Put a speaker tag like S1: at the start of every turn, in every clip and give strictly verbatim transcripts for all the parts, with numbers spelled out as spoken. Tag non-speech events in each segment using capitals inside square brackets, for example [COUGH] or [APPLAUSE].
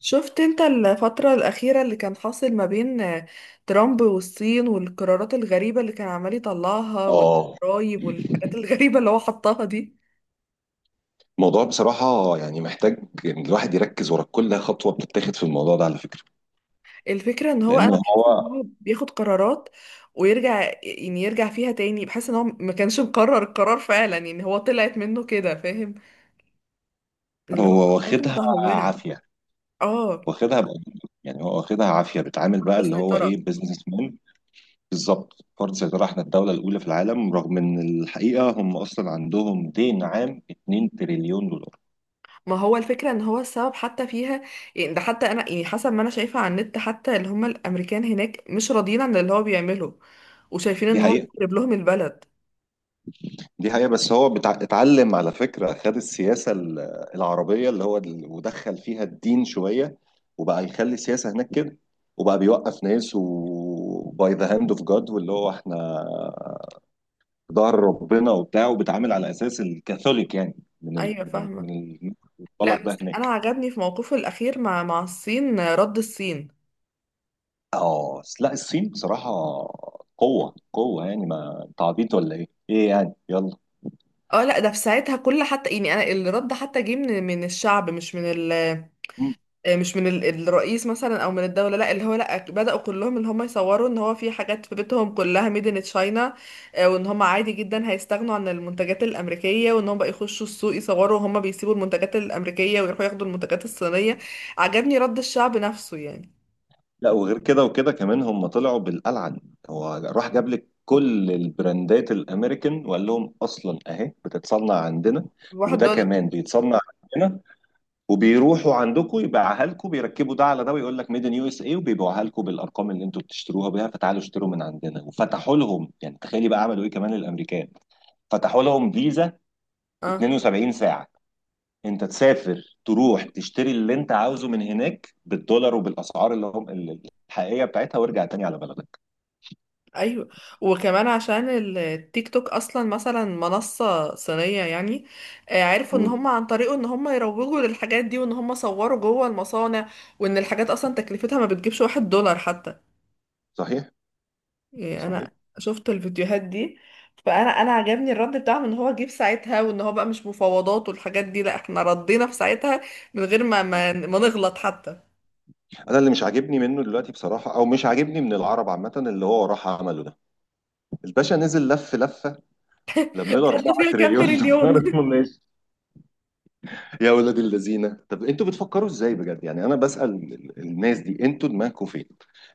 S1: شفت انت الفترة الأخيرة اللي كان حاصل ما بين آه، ترامب والصين والقرارات الغريبة اللي كان عمال يطلعها
S2: اه.
S1: والضرايب والحاجات الغريبة اللي هو حطها دي.
S2: الموضوع بصراحة يعني محتاج إن الواحد يركز ورا كل خطوة بتتاخد في الموضوع ده، على فكرة.
S1: الفكرة ان هو
S2: لأن
S1: انا بحس ان
S2: هو
S1: هو بياخد قرارات ويرجع يعني يرجع فيها تاني. بحس ان هو ما كانش مقرر القرار فعلا، يعني هو طلعت منه كده، فاهم؟ اللي هو
S2: هو
S1: قراراته
S2: واخدها
S1: متهورة.
S2: عافية،
S1: اه،
S2: واخدها بقى. يعني هو واخدها عافية، بيتعامل بقى
S1: برضه
S2: اللي هو
S1: سيطرة.
S2: إيه، بزنس مان. بالظبط، فرض سيطرة. إحنا الدولة الأولى في العالم، رغم إن الحقيقة هم أصلا عندهم دين عام 2 تريليون دولار.
S1: ما هو الفكرة ان هو السبب حتى فيها، يعني ده حتى انا يعني حسب ما انا شايفة على النت، حتى اللي هم الامريكان هناك مش راضيين عن اللي هو بيعمله وشايفين
S2: دي
S1: ان هو
S2: حقيقة.
S1: بيخرب لهم البلد.
S2: دي حقيقة، بس هو بتع... اتعلم على فكرة، خد السياسة ال- العربية، اللي هو ال- ودخل فيها الدين شوية، وبقى يخلي السياسة هناك كده، وبقى بيوقف ناس وباي ذا هاند اوف جاد، واللي هو احنا في ظهر ربنا وبتاع، وبيتعامل على اساس الكاثوليك يعني. من ال...
S1: ايوه،
S2: من
S1: فاهمة.
S2: ال... من الطلق
S1: لا بس
S2: ده
S1: انا
S2: هناك.
S1: عجبني في موقفه الاخير مع مع الصين، رد الصين.
S2: اه، لا الصين بصراحة قوة قوة. يعني ما انت عبيط ولا ايه؟ ايه يعني، يلا.
S1: اه لا، ده في ساعتها كل حتى يعني انا الرد حتى جه من من الشعب، مش من ال آه، مش من ال- الرئيس مثلا او من الدوله. لا اللي هو لا، بداوا كلهم ان هم يصوروا ان هو في حاجات في بيتهم كلها ميد ان تشاينا، وان هم عادي جدا هيستغنوا عن المنتجات الامريكيه، وان هم بقى يخشوا السوق يصوروا وهم بيسيبوا المنتجات الامريكيه ويروحوا ياخدوا المنتجات الصينيه. عجبني رد الشعب نفسه يعني.
S2: لا، وغير كده وكده كمان، هم طلعوا بالألعن. هو راح جاب لك كل البراندات الامريكان وقال لهم اصلا اهي بتتصنع عندنا،
S1: واحد
S2: وده
S1: دولار.
S2: كمان بيتصنع عندنا، وبيروحوا عندكم يبيعها لكم، بيركبوا ده على ده ويقول لك ميد ان يو اس اي، وبيبيعوها لكم بالارقام اللي انتوا بتشتروها بيها، فتعالوا اشتروا من عندنا. وفتحوا لهم يعني، تخيلي بقى عملوا ايه كمان الامريكان، فتحوا لهم فيزا
S1: اه،
S2: اتنين وسبعين ساعه. انت تسافر تروح تشتري اللي انت عاوزه من هناك بالدولار، وبالاسعار اللي هم ال- الحقيقيه بتاعتها، وارجع تاني على بلدك.
S1: ايوه. وكمان عشان التيك توك اصلا مثلا منصة صينية يعني، آه، عرفوا ان
S2: امم
S1: هم عن طريقه ان هم يروجوا للحاجات دي، وان هم صوروا جوه المصانع، وان الحاجات اصلا تكلفتها ما بتجيبش واحد دولار حتى.
S2: صحيح.
S1: يعني انا
S2: صحيح.
S1: شفت الفيديوهات دي. فانا انا عجبني الرد بتاعهم، ان هو جيب ساعتها وان هو بقى مش مفاوضات والحاجات دي. لا احنا ردينا في ساعتها من غير ما ما, ما نغلط حتى.
S2: انا اللي مش عاجبني منه دلوقتي بصراحه، او مش عاجبني من العرب عامه، اللي هو راح عمله ده. الباشا نزل لف لفه، لم له
S1: خدنا
S2: 4
S1: فيها كام
S2: تريليون
S1: تريليون؟
S2: دولار [LAUGHS] ماشي. يا ولاد الذين، طب انتوا بتفكروا ازاي بجد؟ يعني انا بسال ال- ال- الناس دي، انتوا دماغكم فين؟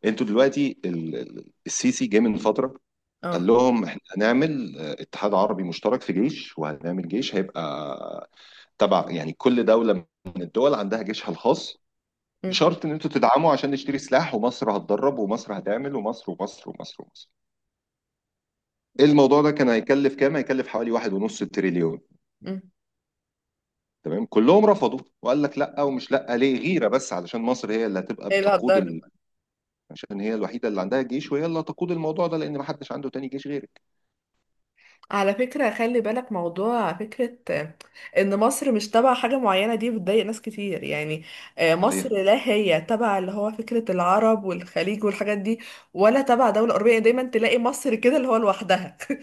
S2: انتوا دلوقتي، ال- ال- السيسي جه من فتره
S1: [LAUGHS]
S2: قال
S1: اه.
S2: لهم احنا هنعمل آه، اتحاد عربي مشترك في جيش، وهنعمل جيش هيبقى تبع، يعني كل دولة من الدول عندها جيشها الخاص،
S1: م-
S2: بشرط ان انتوا تدعموا عشان نشتري سلاح، ومصر هتدرب، ومصر هتعمل، ومصر ومصر ومصر ومصر. إيه، الموضوع ده كان هيكلف كام؟ هيكلف حوالي واحد ونص تريليون.
S1: م.
S2: تمام، كلهم رفضوا وقال لك لا. ومش لا ليه، غيرة، بس علشان مصر هي اللي هتبقى
S1: ايه اللي
S2: بتقود
S1: هتضر؟
S2: ال... عشان هي الوحيدة اللي عندها جيش، وهي اللي هتقود الموضوع ده، لان ما حدش عنده تاني جيش غيرك.
S1: على فكرة خلي بالك موضوع فكرة آه، ان مصر مش تبع حاجة معينة، دي بتضايق ناس كتير يعني. آه، مصر
S2: صحيح.
S1: لا هي تبع اللي هو فكرة العرب والخليج والحاجات دي، ولا تبع دولة أوروبية. يعني دايما تلاقي مصر كده اللي هو لوحدها. [LAUGHS]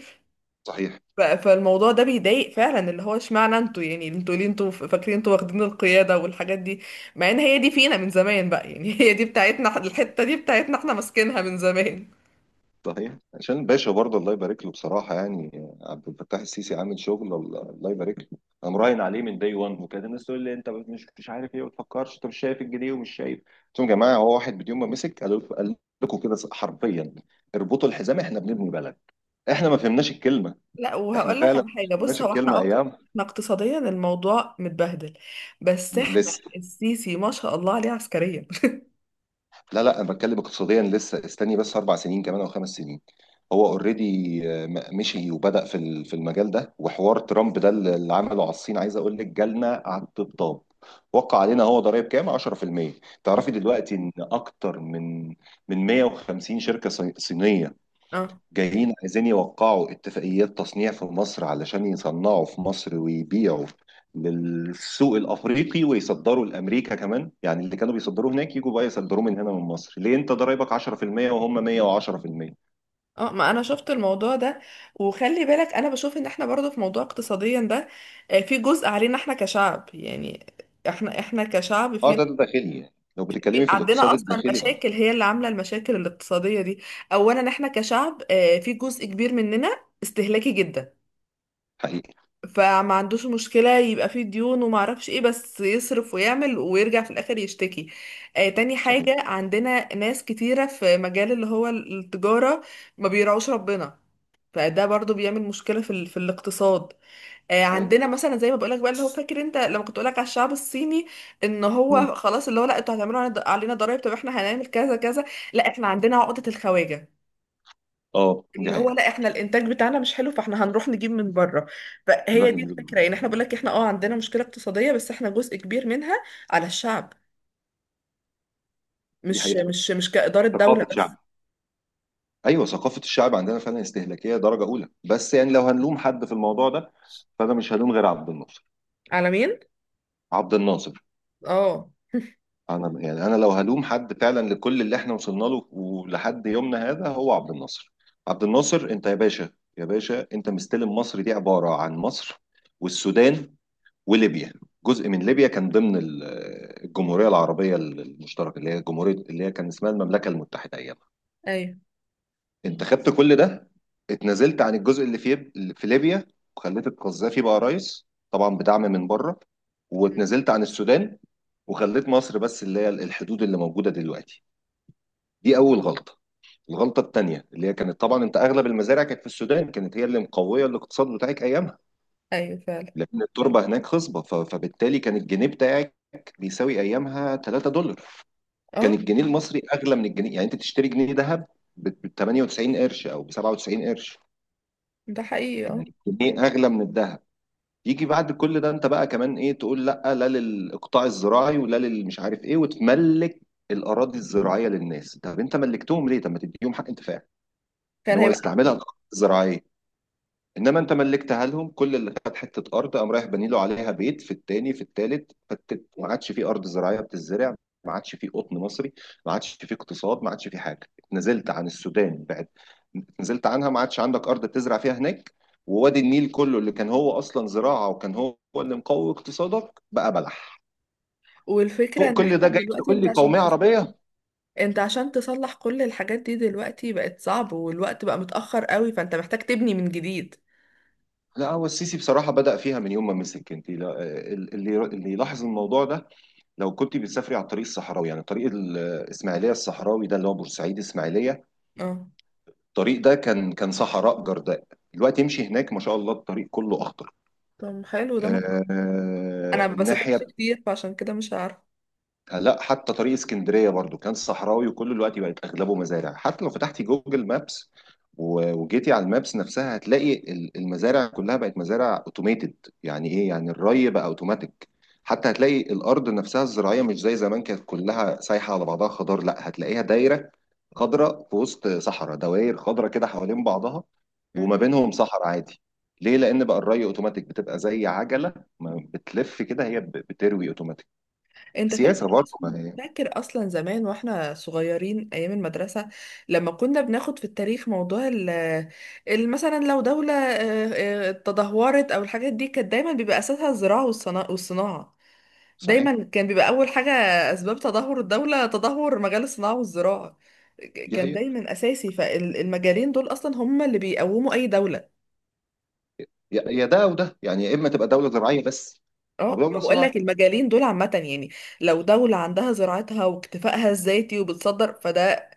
S2: صحيح.
S1: ف- فالموضوع ده بيضايق فعلا، اللي هو اشمعنى انتوا، يعني انتوا ليه انتوا فاكرين انتوا واخدين القيادة والحاجات دي، مع ان هي دي فينا من زمان بقى يعني. [LAUGHS] هي دي بتاعتنا، الحتة دي بتاعتنا احنا، ماسكينها من زمان.
S2: صحيح، عشان الباشا برضه الله يبارك له، بصراحة يعني. عبد الفتاح السيسي عامل شغل، الله، الله يبارك له. أنا مراهن عليه من داي وان. وكانت الناس تقول لي، أنت مش مش عارف إيه، ما بتفكرش، أنت مش شايف الجنيه ومش شايف. قلت لهم يا جماعة، هو واحد يوم ما مسك، قال قال لكم كده حرفيا: اربطوا الحزام، إحنا بنبني بلد. إحنا ما فهمناش الكلمة.
S1: لا
S2: إحنا
S1: وهقول لك
S2: فعلا
S1: على
S2: ما
S1: حاجه،
S2: فهمناش
S1: بص هو احنا
S2: الكلمة،
S1: أق...
S2: أيام.
S1: احنا اقتصاديا الموضوع متبهدل، بس احنا
S2: لسه.
S1: السيسي ما شاء الله عليه عسكريا.
S2: لا لا، انا بتكلم اقتصاديا. لسه، استني بس اربع سنين كمان او خمس سنين. هو اوريدي مشي وبدأ في ال- في المجال ده. وحوار ترامب ده اللي اللي عمله على الصين، عايز اقول لك، جالنا على الطبطاب. وقع علينا هو ضرائب كام؟ عشرة في المية. تعرفي
S1: [LAUGHS]
S2: دلوقتي ان اكتر من من مية وخمسين شركة صي- صينية
S1: اه.
S2: جايين عايزين يوقعوا اتفاقيات تصنيع في مصر، علشان يصنعوا في مصر ويبيعوا للسوق الافريقي، ويصدروا لامريكا كمان. يعني اللي كانوا بيصدروه هناك، يجوا بقى يصدروه من هنا من مصر. ليه؟ انت ضرايبك عشرة في المية وهم مية وعشرة في المية.
S1: اه ما انا شفت الموضوع ده. وخلي بالك انا بشوف ان احنا برضو في موضوع اقتصاديا ده، آه، في جزء علينا احنا كشعب يعني. احنا احنا كشعب
S2: اه،
S1: في،
S2: ده ده داخلي. يعني لو
S1: في-
S2: بتتكلمي في
S1: عندنا
S2: الاقتصاد
S1: اصلا
S2: الداخلي، اه.
S1: مشاكل هي اللي عامله المشاكل الاقتصاديه دي. اولا احنا كشعب آه، في جزء كبير مننا استهلاكي جدا،
S2: حقيقي.
S1: فما عندوش مشكلة يبقى فيه ديون وما اعرفش ايه، بس يصرف ويعمل ويرجع في الاخر يشتكي. آه، تاني حاجة
S2: صحيح.
S1: عندنا ناس كتيرة في مجال اللي هو التجارة ما بيراعوش ربنا، فده برضو بيعمل مشكلة في, ال... في الاقتصاد. آه
S2: أيوة.
S1: عندنا مثلا زي ما بقولك بقى، اللي هو فاكر انت لما كنت بقولك على الشعب الصيني ان
S2: مم.
S1: هو خلاص اللي هو لا، انتوا هتعملوا علينا ضرائب طب احنا هنعمل كذا كذا. لا احنا عندنا عقدة الخواجة،
S2: اه، دي
S1: اللي هو
S2: حقيقة.
S1: لا احنا الانتاج بتاعنا مش حلو فاحنا هنروح نجيب من بره. فهي
S2: نروح
S1: دي
S2: نجيب.
S1: الفكره يعني، احنا بقول لك احنا اه عندنا مشكله اقتصاديه بس احنا جزء كبير منها على الشعب،
S2: دي
S1: مش
S2: حقيقة،
S1: مش مش كاداره دوله
S2: ثقافة
S1: بس.
S2: شعب. ايوه، ثقافة الشعب عندنا فعلا استهلاكية درجة اولى. بس يعني لو هنلوم حد في الموضوع ده، فانا مش هلوم غير عبد الناصر.
S1: على مين؟
S2: عبد الناصر.
S1: اه.
S2: انا يعني، انا لو هلوم حد فعلا لكل اللي احنا وصلنا له ولحد يومنا هذا، هو عبد الناصر. عبد الناصر، انت يا باشا، يا باشا انت مستلم مصر، دي عبارة عن مصر، والسودان، وليبيا. جزء من ليبيا كان ضمن ال- الجمهورية العربية المشتركة، اللي هي جمهورية اللي هي كان اسمها المملكة المتحدة ايامها.
S1: ايوه.
S2: انت خدت كل ده، اتنازلت عن الجزء اللي في اللي في ليبيا، وخليت القذافي بقى رئيس طبعا بدعم من بره، واتنازلت عن السودان، وخليت مصر بس اللي هي الحدود اللي موجودة دلوقتي. دي اول غلطه. الغلطه الثانيه اللي هي كانت طبعا، انت اغلب المزارع كانت في السودان، كانت هي اللي مقويه الاقتصاد بتاعك ايامها،
S1: ايوه فعلا.
S2: لان التربه هناك خصبه. ف- فبالتالي كان الجنيه بتاعك بيساوي ايامها تلاتة دولار. كان
S1: اه.
S2: الجنيه المصري اغلى من الجنيه، يعني انت تشتري جنيه ذهب ب تمانية وتسعين قرش او ب سبعة وتسعين قرش.
S1: ده حقيقي اه.
S2: يعني الجنيه اغلى من الذهب. يجي بعد كل ده انت بقى كمان ايه؟ تقول لا لا للاقطاع الزراعي، ولا للمش عارف ايه، وتملك الاراضي الزراعيه للناس. طب انت ملكتهم ليه؟ طب ما تديهم حق انتفاع ان
S1: كان
S2: هو
S1: هيبقى.
S2: يستعملها الارض الزراعيه. انما انت ملكتها لهم. كل اللي خد حته ارض قام رايح باني له عليها بيت في التاني في التالت، فتت. ما عادش في ارض زراعيه بتزرع، ما عادش في قطن مصري، ما عادش في اقتصاد، ما عادش في حاجه. اتنزلت عن السودان بعد، اتنزلت عنها، ما عادش عندك ارض تزرع فيها هناك. ووادي النيل كله اللي كان هو اصلا زراعه، وكان هو اللي مقوي اقتصادك، بقى بلح.
S1: والفكره
S2: فوق
S1: ان
S2: كل
S1: احنا
S2: ده جاي
S1: دلوقتي
S2: تقول
S1: انت
S2: لي
S1: عشان
S2: قوميه
S1: تص-
S2: عربيه.
S1: انت عشان تصلح كل الحاجات دي دلوقتي بقت صعب والوقت بقى متاخر قوي، فانت محتاج تبني من جديد.
S2: لا، هو السيسي بصراحه بدأ فيها من يوم ما مسك. انت لا- اللي اللي يلاحظ الموضوع ده، لو كنت بتسافري على الطريق الصحراوي، يعني طريق الاسماعيليه الصحراوي ده، اللي هو بورسعيد اسماعيليه،
S1: اه.
S2: الطريق ده كان كان صحراء جرداء. دلوقتي امشي هناك، ما شاء الله الطريق كله اخضر.
S1: طب حلو ده ما شاء الله.
S2: آه
S1: انا ما بسافرش
S2: الناحيه.
S1: كتير فعشان كده مش عارفه.
S2: لا، حتى طريق اسكندريه برضو كان صحراوي، وكل الوقت بقت اغلبه مزارع. حتى لو فتحتي جوجل مابس، و- وجيتي على المابس نفسها، هتلاقي ال- المزارع كلها بقت مزارع اوتوميتد. يعني ايه؟ يعني الري بقى اوتوماتيك. حتى هتلاقي الارض نفسها الزراعيه مش زي زمان كانت كلها سايحه على بعضها خضار، لا، هتلاقيها دايره خضراء في وسط صحراء، دوائر خضراء كده حوالين بعضها، وما بينهم صحراء عادي. ليه؟ لان بقى الري اوتوماتيك بتبقى زي عجله ما بتلف كده، هي ب- بتروي اوتوماتيك.
S1: انت فاكر
S2: سياسه برضه.
S1: اصلا، فاكر اصلا زمان واحنا صغيرين ايام المدرسه لما كنا بناخد في التاريخ موضوع ال ال- مثلا لو دوله اه، اه، تدهورت او الحاجات دي، كانت دايما بيبقى اساسها الزراعه والصنا- والصناعه.
S2: صحيح.
S1: دايما كان بيبقى اول حاجه، اسباب تدهور الدوله تدهور مجال الصناعه والزراعه. ك-
S2: دي هي.
S1: كان دايما اساسي، فالمجالين دول اصلا هم اللي بيقوموا اي دوله.
S2: يا يا ده او ده، يعني يا اما تبقى دوله زراعيه بس، او
S1: اه ما
S2: دوله
S1: بقول لك
S2: صناعيه.
S1: المجالين دول عامه يعني. لو دولة عندها زراعتها واكتفائها الذاتي وبتصدر، فده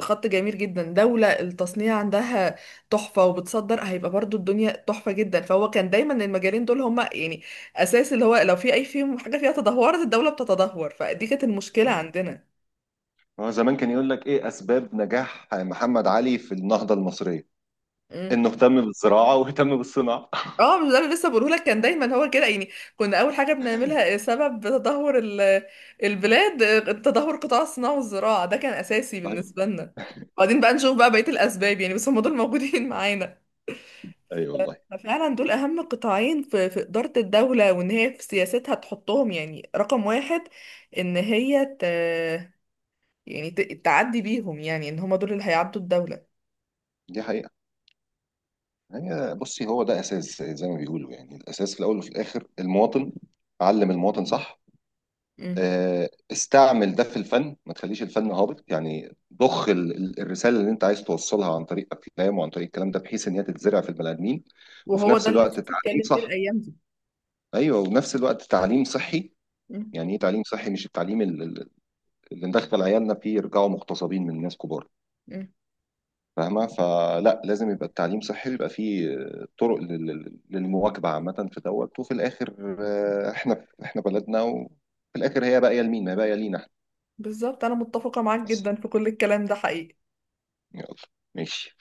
S1: خط جميل جدا. دولة التصنيع عندها تحفة وبتصدر، هيبقى برضو الدنيا تحفة جدا. فهو كان دايما المجالين دول هما يعني أساس، اللي هو لو في أي فيهم حاجة فيها تدهورت الدولة بتتدهور. فدي كانت المشكلة عندنا.
S2: هو زمان كان يقول لك ايه اسباب نجاح محمد علي في النهضه المصريه؟
S1: مم.
S2: انه اهتم بالزراعه واهتم بالصناعه [LAUGHS]
S1: اه، مش ده اللي لسه بقوله لك؟ كان دايما هو كده يعني. كنا أول حاجة بنعملها سبب تدهور ال- البلاد، تدهور قطاع الصناعة والزراعة، ده كان أساسي
S2: صحيح.
S1: بالنسبة لنا. بعدين بقى نشوف بقى بقية الأسباب يعني، بس هم دول موجودين [LAUGHS] معانا.
S2: اي والله.
S1: ففعلا دول اهم قطاعين في في اداره الدوله، وان هي في سياستها تحطهم يعني رقم واحد، ان هي ت... يعني ت... تعدي بيهم، يعني ان هما دول اللي هيعدوا الدوله.
S2: دي حقيقه. هي بصي، هو ده اساس زي ما بيقولوا يعني، الاساس في الاول وفي الاخر المواطن. علم المواطن صح.
S1: مم.
S2: آه، استعمل ده في الفن، ما تخليش الفن هابط، يعني ضخ ال- ال- الرساله اللي انت عايز توصلها عن طريق افلام وعن طريق الكلام ده، بحيث ان هي تتزرع في البني ادمين. وفي
S1: وهو
S2: نفس
S1: ده اللي
S2: الوقت
S1: السيسي
S2: تعليم
S1: اتكلم فيه
S2: صح.
S1: الايام دي.
S2: ايوه، وفي نفس الوقت تعليم صحي.
S1: مم.
S2: يعني ايه تعليم صحي؟ مش التعليم ال- ال- اللي ندخل عيالنا فيه يرجعوا مغتصبين من ناس كبار.
S1: مم.
S2: فاهمه؟ فلا، لازم يبقى التعليم صحي، بيبقى فيه آه، طرق لل- لل- للمواكبه عامه في دوت. وفي الاخر آه، احنا احنا بلدنا، وفي الاخر هي باقيه لمين؟ ما هي باقيه لينا،
S1: بالظبط، انا متفقه معاك
S2: احنا.
S1: جدا في كل الكلام ده، حقيقي.
S2: يلا. ماشي.